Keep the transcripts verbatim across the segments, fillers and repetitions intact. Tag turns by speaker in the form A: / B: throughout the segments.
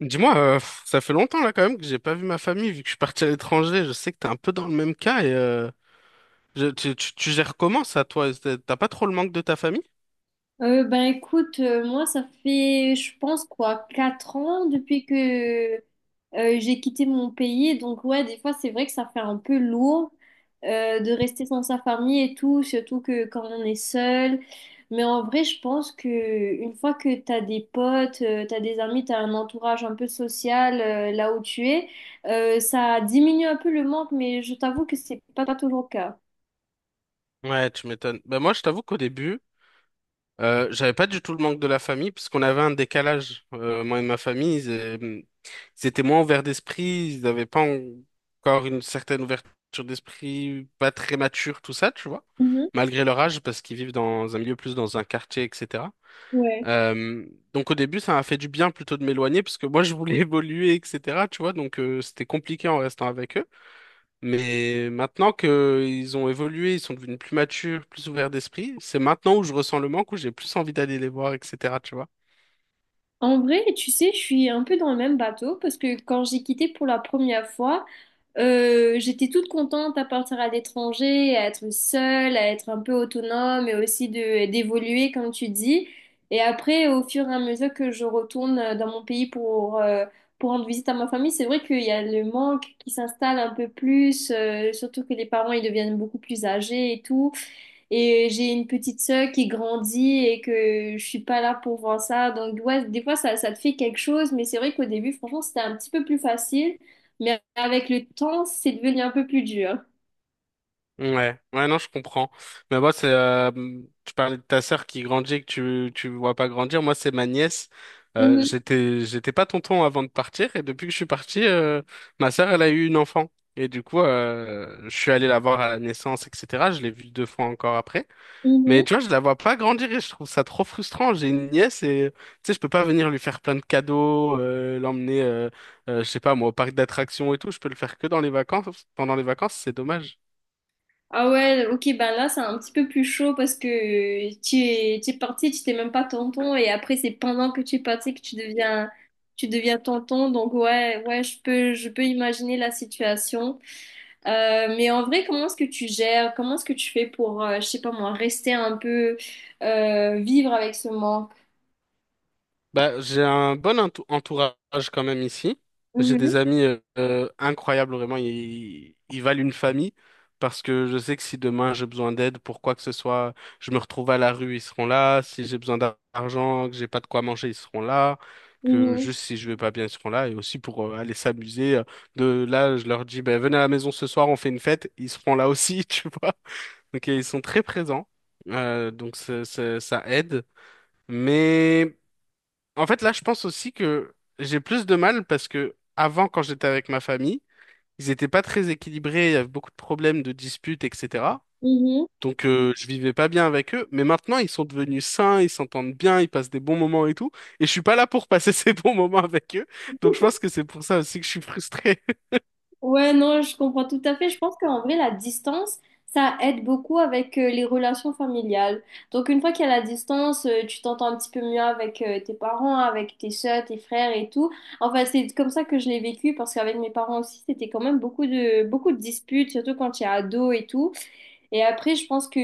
A: Dis-moi, euh, pff, ça fait longtemps là quand même que j'ai pas vu ma famille vu que je suis parti à l'étranger. Je sais que t'es un peu dans le même cas et euh, je- tu, tu, tu gères comment ça toi? T'as t'as pas trop le manque de ta famille?
B: Euh, ben écoute, euh, moi ça fait, je pense quoi, quatre ans depuis que euh, j'ai quitté mon pays. Donc ouais, des fois c'est vrai que ça fait un peu lourd euh, de rester sans sa famille et tout, surtout que quand on est seul. Mais en vrai, je pense que une fois que t'as des potes, euh, t'as des amis, t'as un entourage un peu social euh, là où tu es, euh, ça diminue un peu le manque. Mais je t'avoue que c'est pas, pas toujours le cas.
A: Ouais, tu m'étonnes. Ben moi, je t'avoue qu'au début, euh, j'avais pas du tout le manque de la famille parce qu'on avait un décalage. Euh, moi et ma famille, ils, euh, ils étaient moins ouverts d'esprit, ils n'avaient pas encore une certaine ouverture d'esprit, pas très mature, tout ça, tu vois,
B: Mhm.
A: malgré leur âge parce qu'ils vivent dans un milieu plus dans un quartier, et cetera.
B: Ouais.
A: Euh, donc au début, ça m'a fait du bien plutôt de m'éloigner parce que moi je voulais évoluer, et cetera. Tu vois, donc euh, c'était compliqué en restant avec eux. Mais maintenant que ils ont évolué, ils sont devenus plus matures, plus ouverts d'esprit, c'est maintenant où je ressens le manque, où j'ai plus envie d'aller les voir, et cetera. Tu vois.
B: En vrai, tu sais, je suis un peu dans le même bateau parce que quand j'ai quitté pour la première fois, euh, j'étais toute contente à partir à l'étranger, à être seule, à être un peu autonome et aussi de d'évoluer comme tu dis. Et après, au fur et à mesure que je retourne euh, dans mon pays pour euh, pour rendre visite à ma famille, c'est vrai qu'il y a le manque qui s'installe un peu plus, euh, surtout que les parents ils deviennent beaucoup plus âgés et tout. Et j'ai une petite sœur qui grandit et que je suis pas là pour voir ça. Donc ouais, des fois ça, ça te fait quelque chose, mais c'est vrai qu'au début, franchement, c'était un petit peu plus facile mais avec le temps, c'est devenu un peu plus dur.
A: Ouais, ouais, non, je comprends. Mais moi, c'est, euh, tu parlais de ta sœur qui grandit et que tu, tu vois pas grandir. Moi, c'est ma nièce. Euh,
B: Mhm,
A: j'étais, j'étais pas tonton avant de partir et depuis que je suis parti, euh, ma sœur, elle a eu une enfant. Et du coup, euh, je suis allé la voir à la naissance, et cetera. Je l'ai vue deux fois encore après. Mais
B: mhm.
A: tu vois, je la vois pas grandir et je trouve ça trop frustrant. J'ai une nièce et, tu sais, je peux pas venir lui faire plein de cadeaux, euh, l'emmener, euh, euh, je sais pas, moi, au parc d'attractions et tout. Je peux le faire que dans les vacances. Pendant les vacances, c'est dommage.
B: Ah ouais, ok, ben là, c'est un petit peu plus chaud parce que euh, tu es, tu es, parti, tu t'es même pas tonton, et après, c'est pendant que tu es parti que tu deviens, tu deviens tonton. Donc, ouais, ouais, je peux, je peux imaginer la situation. Euh, mais en vrai, comment est-ce que tu gères? Comment est-ce que tu fais pour, euh, je sais pas moi, rester un peu, euh, vivre avec ce manque?
A: Bah, j'ai un bon entou- entourage quand même ici. J'ai des
B: Mhm,
A: amis euh, euh, incroyables, vraiment. Ils, ils valent une famille parce que je sais que si demain j'ai besoin d'aide pour quoi que ce soit, je me retrouve à la rue, ils seront là. Si j'ai besoin d'ar- d'argent, que j'ai pas de quoi manger, ils seront là. Que
B: mhm,
A: juste si je vais pas bien, ils seront là. Et aussi pour euh, aller s'amuser. euh, De là, je leur dis, ben venez à la maison ce soir, on fait une fête. Ils seront là aussi, tu vois. Donc euh, ils sont très présents, euh, donc ça ça- ça aide. Mais en fait, là, je pense aussi que j'ai plus de mal parce que avant, quand j'étais avec ma famille, ils n'étaient pas très équilibrés, il y avait beaucoup de problèmes, de disputes, et cetera. Donc, euh, je vivais pas bien avec eux. Mais maintenant, ils sont devenus sains, ils s'entendent bien, ils passent des bons moments et tout. Et je suis pas là pour passer ces bons moments avec eux. Donc,
B: mhm.
A: je pense que c'est pour ça aussi que je suis frustré.
B: Ouais, non, je comprends tout à fait. Je pense qu'en vrai, la distance, ça aide beaucoup avec euh, les relations familiales. Donc, une fois qu'il y a la distance, euh, tu t'entends un petit peu mieux avec euh, tes parents, avec tes soeurs, tes frères et tout. Enfin, c'est comme ça que je l'ai vécu parce qu'avec mes parents aussi, c'était quand même beaucoup de, beaucoup de disputes, surtout quand tu es ado et tout. Et après, je pense que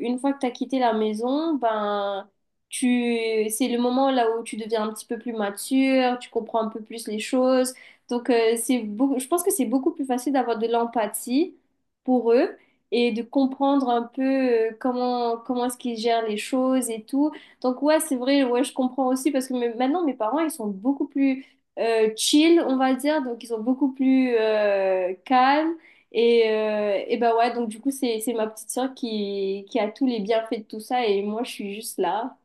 B: une fois que tu as quitté la maison, ben tu c'est le moment là où tu deviens un petit peu plus mature, tu comprends un peu plus les choses. Donc euh, c'est beaucoup, je pense que c'est beaucoup plus facile d'avoir de l'empathie pour eux et de comprendre un peu euh, comment comment est-ce qu'ils gèrent les choses et tout. Donc ouais, c'est vrai, ouais, je comprends aussi parce que me- maintenant mes parents, ils sont beaucoup plus euh, chill, on va dire, donc ils sont beaucoup plus euh, calmes. Et, euh, et bah ouais, donc du coup, c'est, c'est ma petite sœur qui, qui a tous les bienfaits de tout ça et moi, je suis juste là.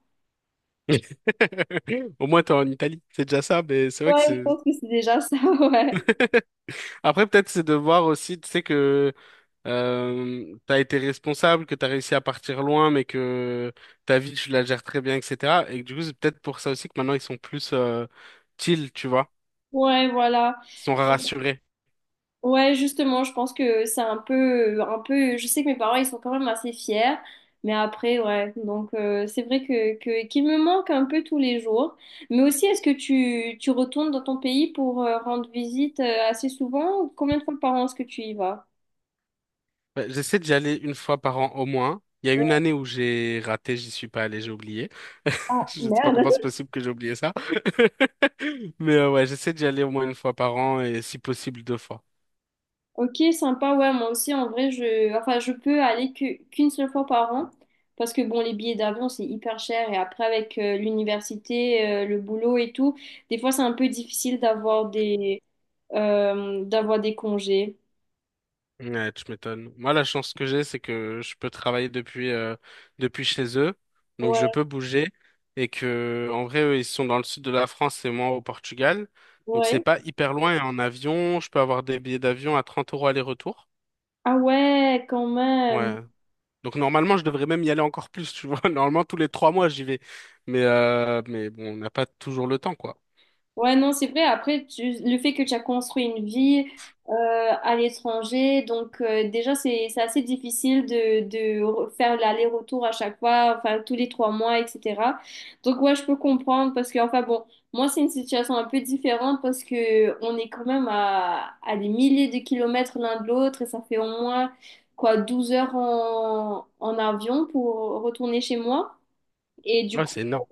A: Au moins, t'es en Italie. C'est déjà ça, mais c'est vrai que
B: Ouais, je
A: c'est...
B: pense que c'est déjà ça, ouais.
A: Après, peut-être c'est de voir aussi, tu sais, que euh, t'as été responsable, que t'as réussi à partir loin, mais que ta vie, tu la gères très bien, et cetera. Et que du coup, c'est peut-être pour ça aussi que maintenant, ils sont plus euh, chill, tu vois.
B: Ouais, voilà.
A: Ils sont rassurés.
B: Ouais, justement, je pense que c'est un peu, un peu, je sais que mes parents, ils sont quand même assez fiers, mais après, ouais. Donc, euh, c'est vrai que, que, qu'il me manque un peu tous les jours. Mais aussi, est-ce que tu, tu retournes dans ton pays pour euh, rendre visite euh, assez souvent ou combien de fois par an est-ce que tu y vas?
A: Ouais, j'essaie d'y aller une fois par an au moins. Il y a une
B: Ouais.
A: année où j'ai raté, j'y suis pas allé, j'ai oublié.
B: Ah,
A: Je sais pas comment c'est
B: merde.
A: possible que j'ai oublié ça. Mais euh, ouais, j'essaie d'y aller au moins une fois par an et si possible deux fois.
B: Ok, sympa, ouais, moi aussi, en vrai, je, enfin, je peux aller que- qu'une seule fois par an, parce que, bon, les billets d'avion, c'est hyper cher, et après, avec euh, l'université, euh, le boulot et tout, des fois, c'est un peu difficile d'avoir des, euh, d'avoir des congés.
A: Ouais, tu m'étonnes. Moi, la chance que j'ai, c'est que je peux travailler depuis, euh, depuis chez eux. Donc, je
B: Ouais,
A: peux bouger. Et que, en vrai, eux, ils sont dans le sud de la France et moi au Portugal. Donc, c'est
B: ouais.
A: pas hyper loin. Et en avion, je peux avoir des billets d'avion à trente euros aller-retour.
B: Ah ouais, quand même.
A: Ouais. Donc, normalement, je devrais même y aller encore plus, tu vois. Normalement, tous les trois mois, j'y vais. Mais, euh, mais bon, on n'a pas toujours le temps, quoi.
B: Ouais, non, c'est vrai. Après, tu- le fait que tu as construit une vie euh, à l'étranger, donc euh, déjà, c'est, c'est assez difficile de, de faire l'aller-retour à chaque fois, enfin, tous les trois mois, et cetera. Donc, ouais, je peux comprendre parce que, enfin, bon, moi, c'est une situation un peu différente parce que on est quand même à, à des milliers de kilomètres l'un de l'autre et ça fait au moins, quoi, douze heures en, en avion pour retourner chez moi. Et du
A: Ouais,
B: coup.
A: c'est énorme.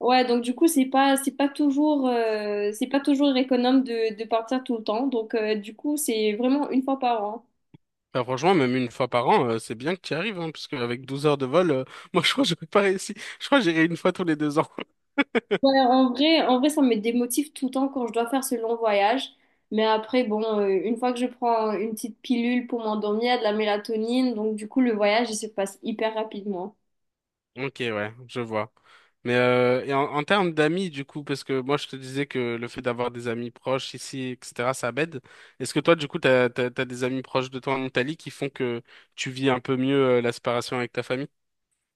B: Ouais, donc du coup, c'est pas, c'est pas toujours, euh, c'est pas toujours économe de, de partir tout le temps. Donc euh, du coup, c'est vraiment une fois par an.
A: Bah, franchement, même une fois par an, euh, c'est bien que tu y arrives, hein, parce qu'avec douze heures de vol, euh, moi, je crois que j'aurais pas réussi. Je crois que j'irai une fois tous les deux ans.
B: Ouais, en vrai, en vrai, ça me démotive tout le temps quand je dois faire ce long voyage. Mais après, bon, euh, une fois que je prends une petite pilule pour m'endormir, il y a de la mélatonine, donc du coup, le voyage, il se passe hyper rapidement.
A: Ok, ouais, je vois. Mais euh, et en, en termes d'amis, du coup, parce que moi je te disais que le fait d'avoir des amis proches ici, et cetera, ça m'aide. Est-ce que toi, du coup, t'as, t'as, t'as des amis proches de toi en Italie qui font que tu vis un peu mieux euh, la séparation avec ta famille?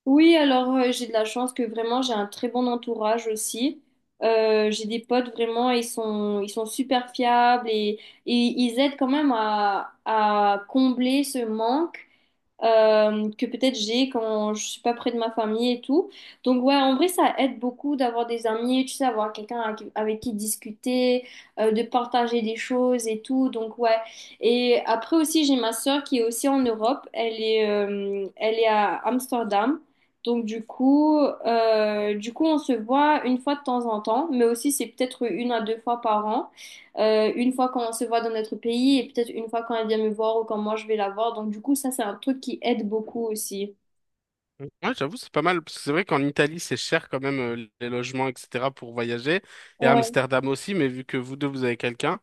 B: Oui, alors euh, j'ai de la chance que vraiment j'ai un très bon entourage aussi. Euh, j'ai des potes vraiment, ils sont, ils sont super fiables et, et ils aident quand même à, à combler ce manque euh, que peut-être j'ai quand je suis pas près de ma famille et tout. Donc ouais, en vrai, ça aide beaucoup d'avoir des amis, tu sais, avoir quelqu'un avec, avec qui discuter, euh, de partager des choses et tout. Donc ouais. Et après aussi, j'ai ma sœur qui est aussi en Europe. Elle est, euh, elle est à Amsterdam. Donc du coup, euh, du coup, on se voit une fois de temps en temps, mais aussi c'est peut-être une à deux fois par an euh, une fois quand on se voit dans notre pays et peut-être une fois quand elle vient me voir ou quand moi je vais la voir. Donc du coup, ça, c'est un truc qui aide beaucoup aussi.
A: Ouais, j'avoue, c'est pas mal, parce que c'est vrai qu'en Italie, c'est cher quand même euh, les logements, et cetera, pour voyager. Et à
B: Ouais.
A: Amsterdam aussi, mais vu que vous deux, vous avez quelqu'un,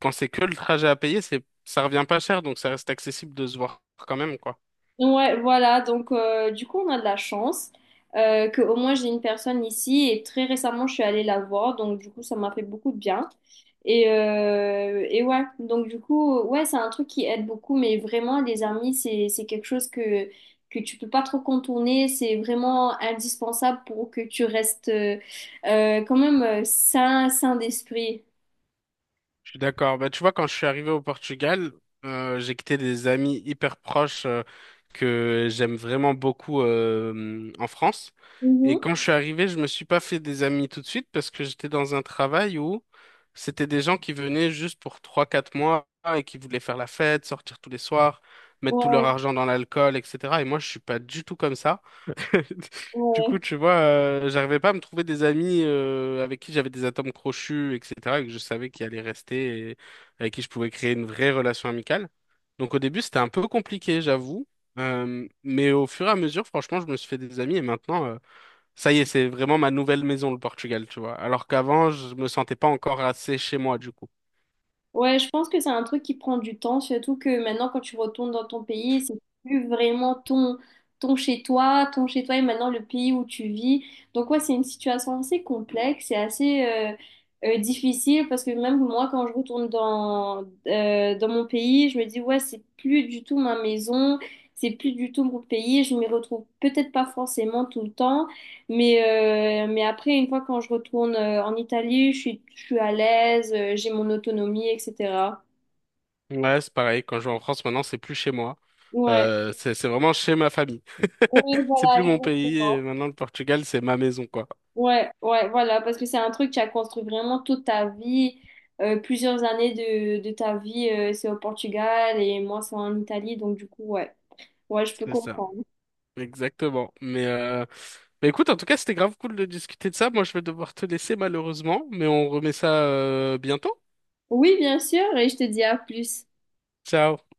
A: quand c'est que le trajet à payer, c'est, ça revient pas cher, donc ça reste accessible de se voir quand même, quoi.
B: Ouais, voilà, donc euh, du coup on a de la chance euh, que au moins j'ai une personne ici et très récemment je suis allée la voir, donc du coup ça m'a fait beaucoup de bien. Et, euh, et ouais, donc du coup, ouais, c'est un truc qui aide beaucoup, mais vraiment les amis, c'est, c'est quelque chose que, que tu peux pas trop contourner, c'est vraiment indispensable pour que tu restes euh, euh, quand même euh, sain, sain d'esprit.
A: Je suis d'accord. Bah, tu vois, quand je suis arrivé au Portugal, euh, j'ai quitté des amis hyper proches euh, que j'aime vraiment beaucoup euh, en France. Et
B: Mhm.
A: quand je suis arrivé, je me suis pas fait des amis tout de suite parce que j'étais dans un travail où c'était des gens qui venaient juste pour trois quatre mois et qui voulaient faire la fête, sortir tous les soirs, mettre tout leur
B: Ouais,
A: argent dans l'alcool, et cetera. Et moi, je suis pas du tout comme ça. Du
B: ouais.
A: coup, tu vois, euh, j'arrivais pas à me trouver des amis euh, avec qui j'avais des atomes crochus, et cetera, et que je savais qu'ils allaient rester et avec qui je pouvais créer une vraie relation amicale. Donc au début, c'était un peu compliqué, j'avoue. Euh, mais au fur et à mesure, franchement, je me suis fait des amis et maintenant, euh, ça y est, c'est vraiment ma nouvelle maison, le Portugal, tu vois. Alors qu'avant, je me sentais pas encore assez chez moi, du coup.
B: Ouais, je pense que c'est un truc qui prend du temps, surtout que maintenant, quand tu retournes dans ton pays, c'est plus vraiment ton, ton chez-toi, ton chez-toi est maintenant le pays où tu vis. Donc, ouais, c'est une situation assez complexe et assez euh, euh, difficile parce que même moi, quand je retourne dans, euh, dans mon pays, je me dis, ouais, c'est plus du tout ma maison, c'est plus du tout mon pays, je m'y retrouve peut-être pas forcément tout le temps. Mais, euh, mais après, une fois quand je retourne euh, en Italie, je suis, je suis à l'aise, euh, j'ai mon autonomie, et cetera.
A: Ouais, c'est pareil. Quand je vais en France, maintenant, c'est plus chez moi.
B: Ouais,
A: Euh, c'est c'est vraiment chez ma famille.
B: ouais
A: C'est
B: voilà,
A: plus mon pays. Et
B: exactement.
A: maintenant, le Portugal, c'est ma maison, quoi.
B: Ouais, ouais, voilà, parce que c'est un truc qui a construit vraiment toute ta vie, euh, plusieurs années de, de ta vie, euh, c'est au Portugal et moi c'est en Italie, donc du coup, ouais, ouais, je peux
A: C'est ça,
B: comprendre.
A: exactement. Mais, euh, mais écoute, en tout cas, c'était grave cool de discuter de ça. Moi, je vais devoir te laisser malheureusement, mais on remet ça euh, bientôt.
B: Oui, bien sûr, et je te dis à plus.
A: Ciao.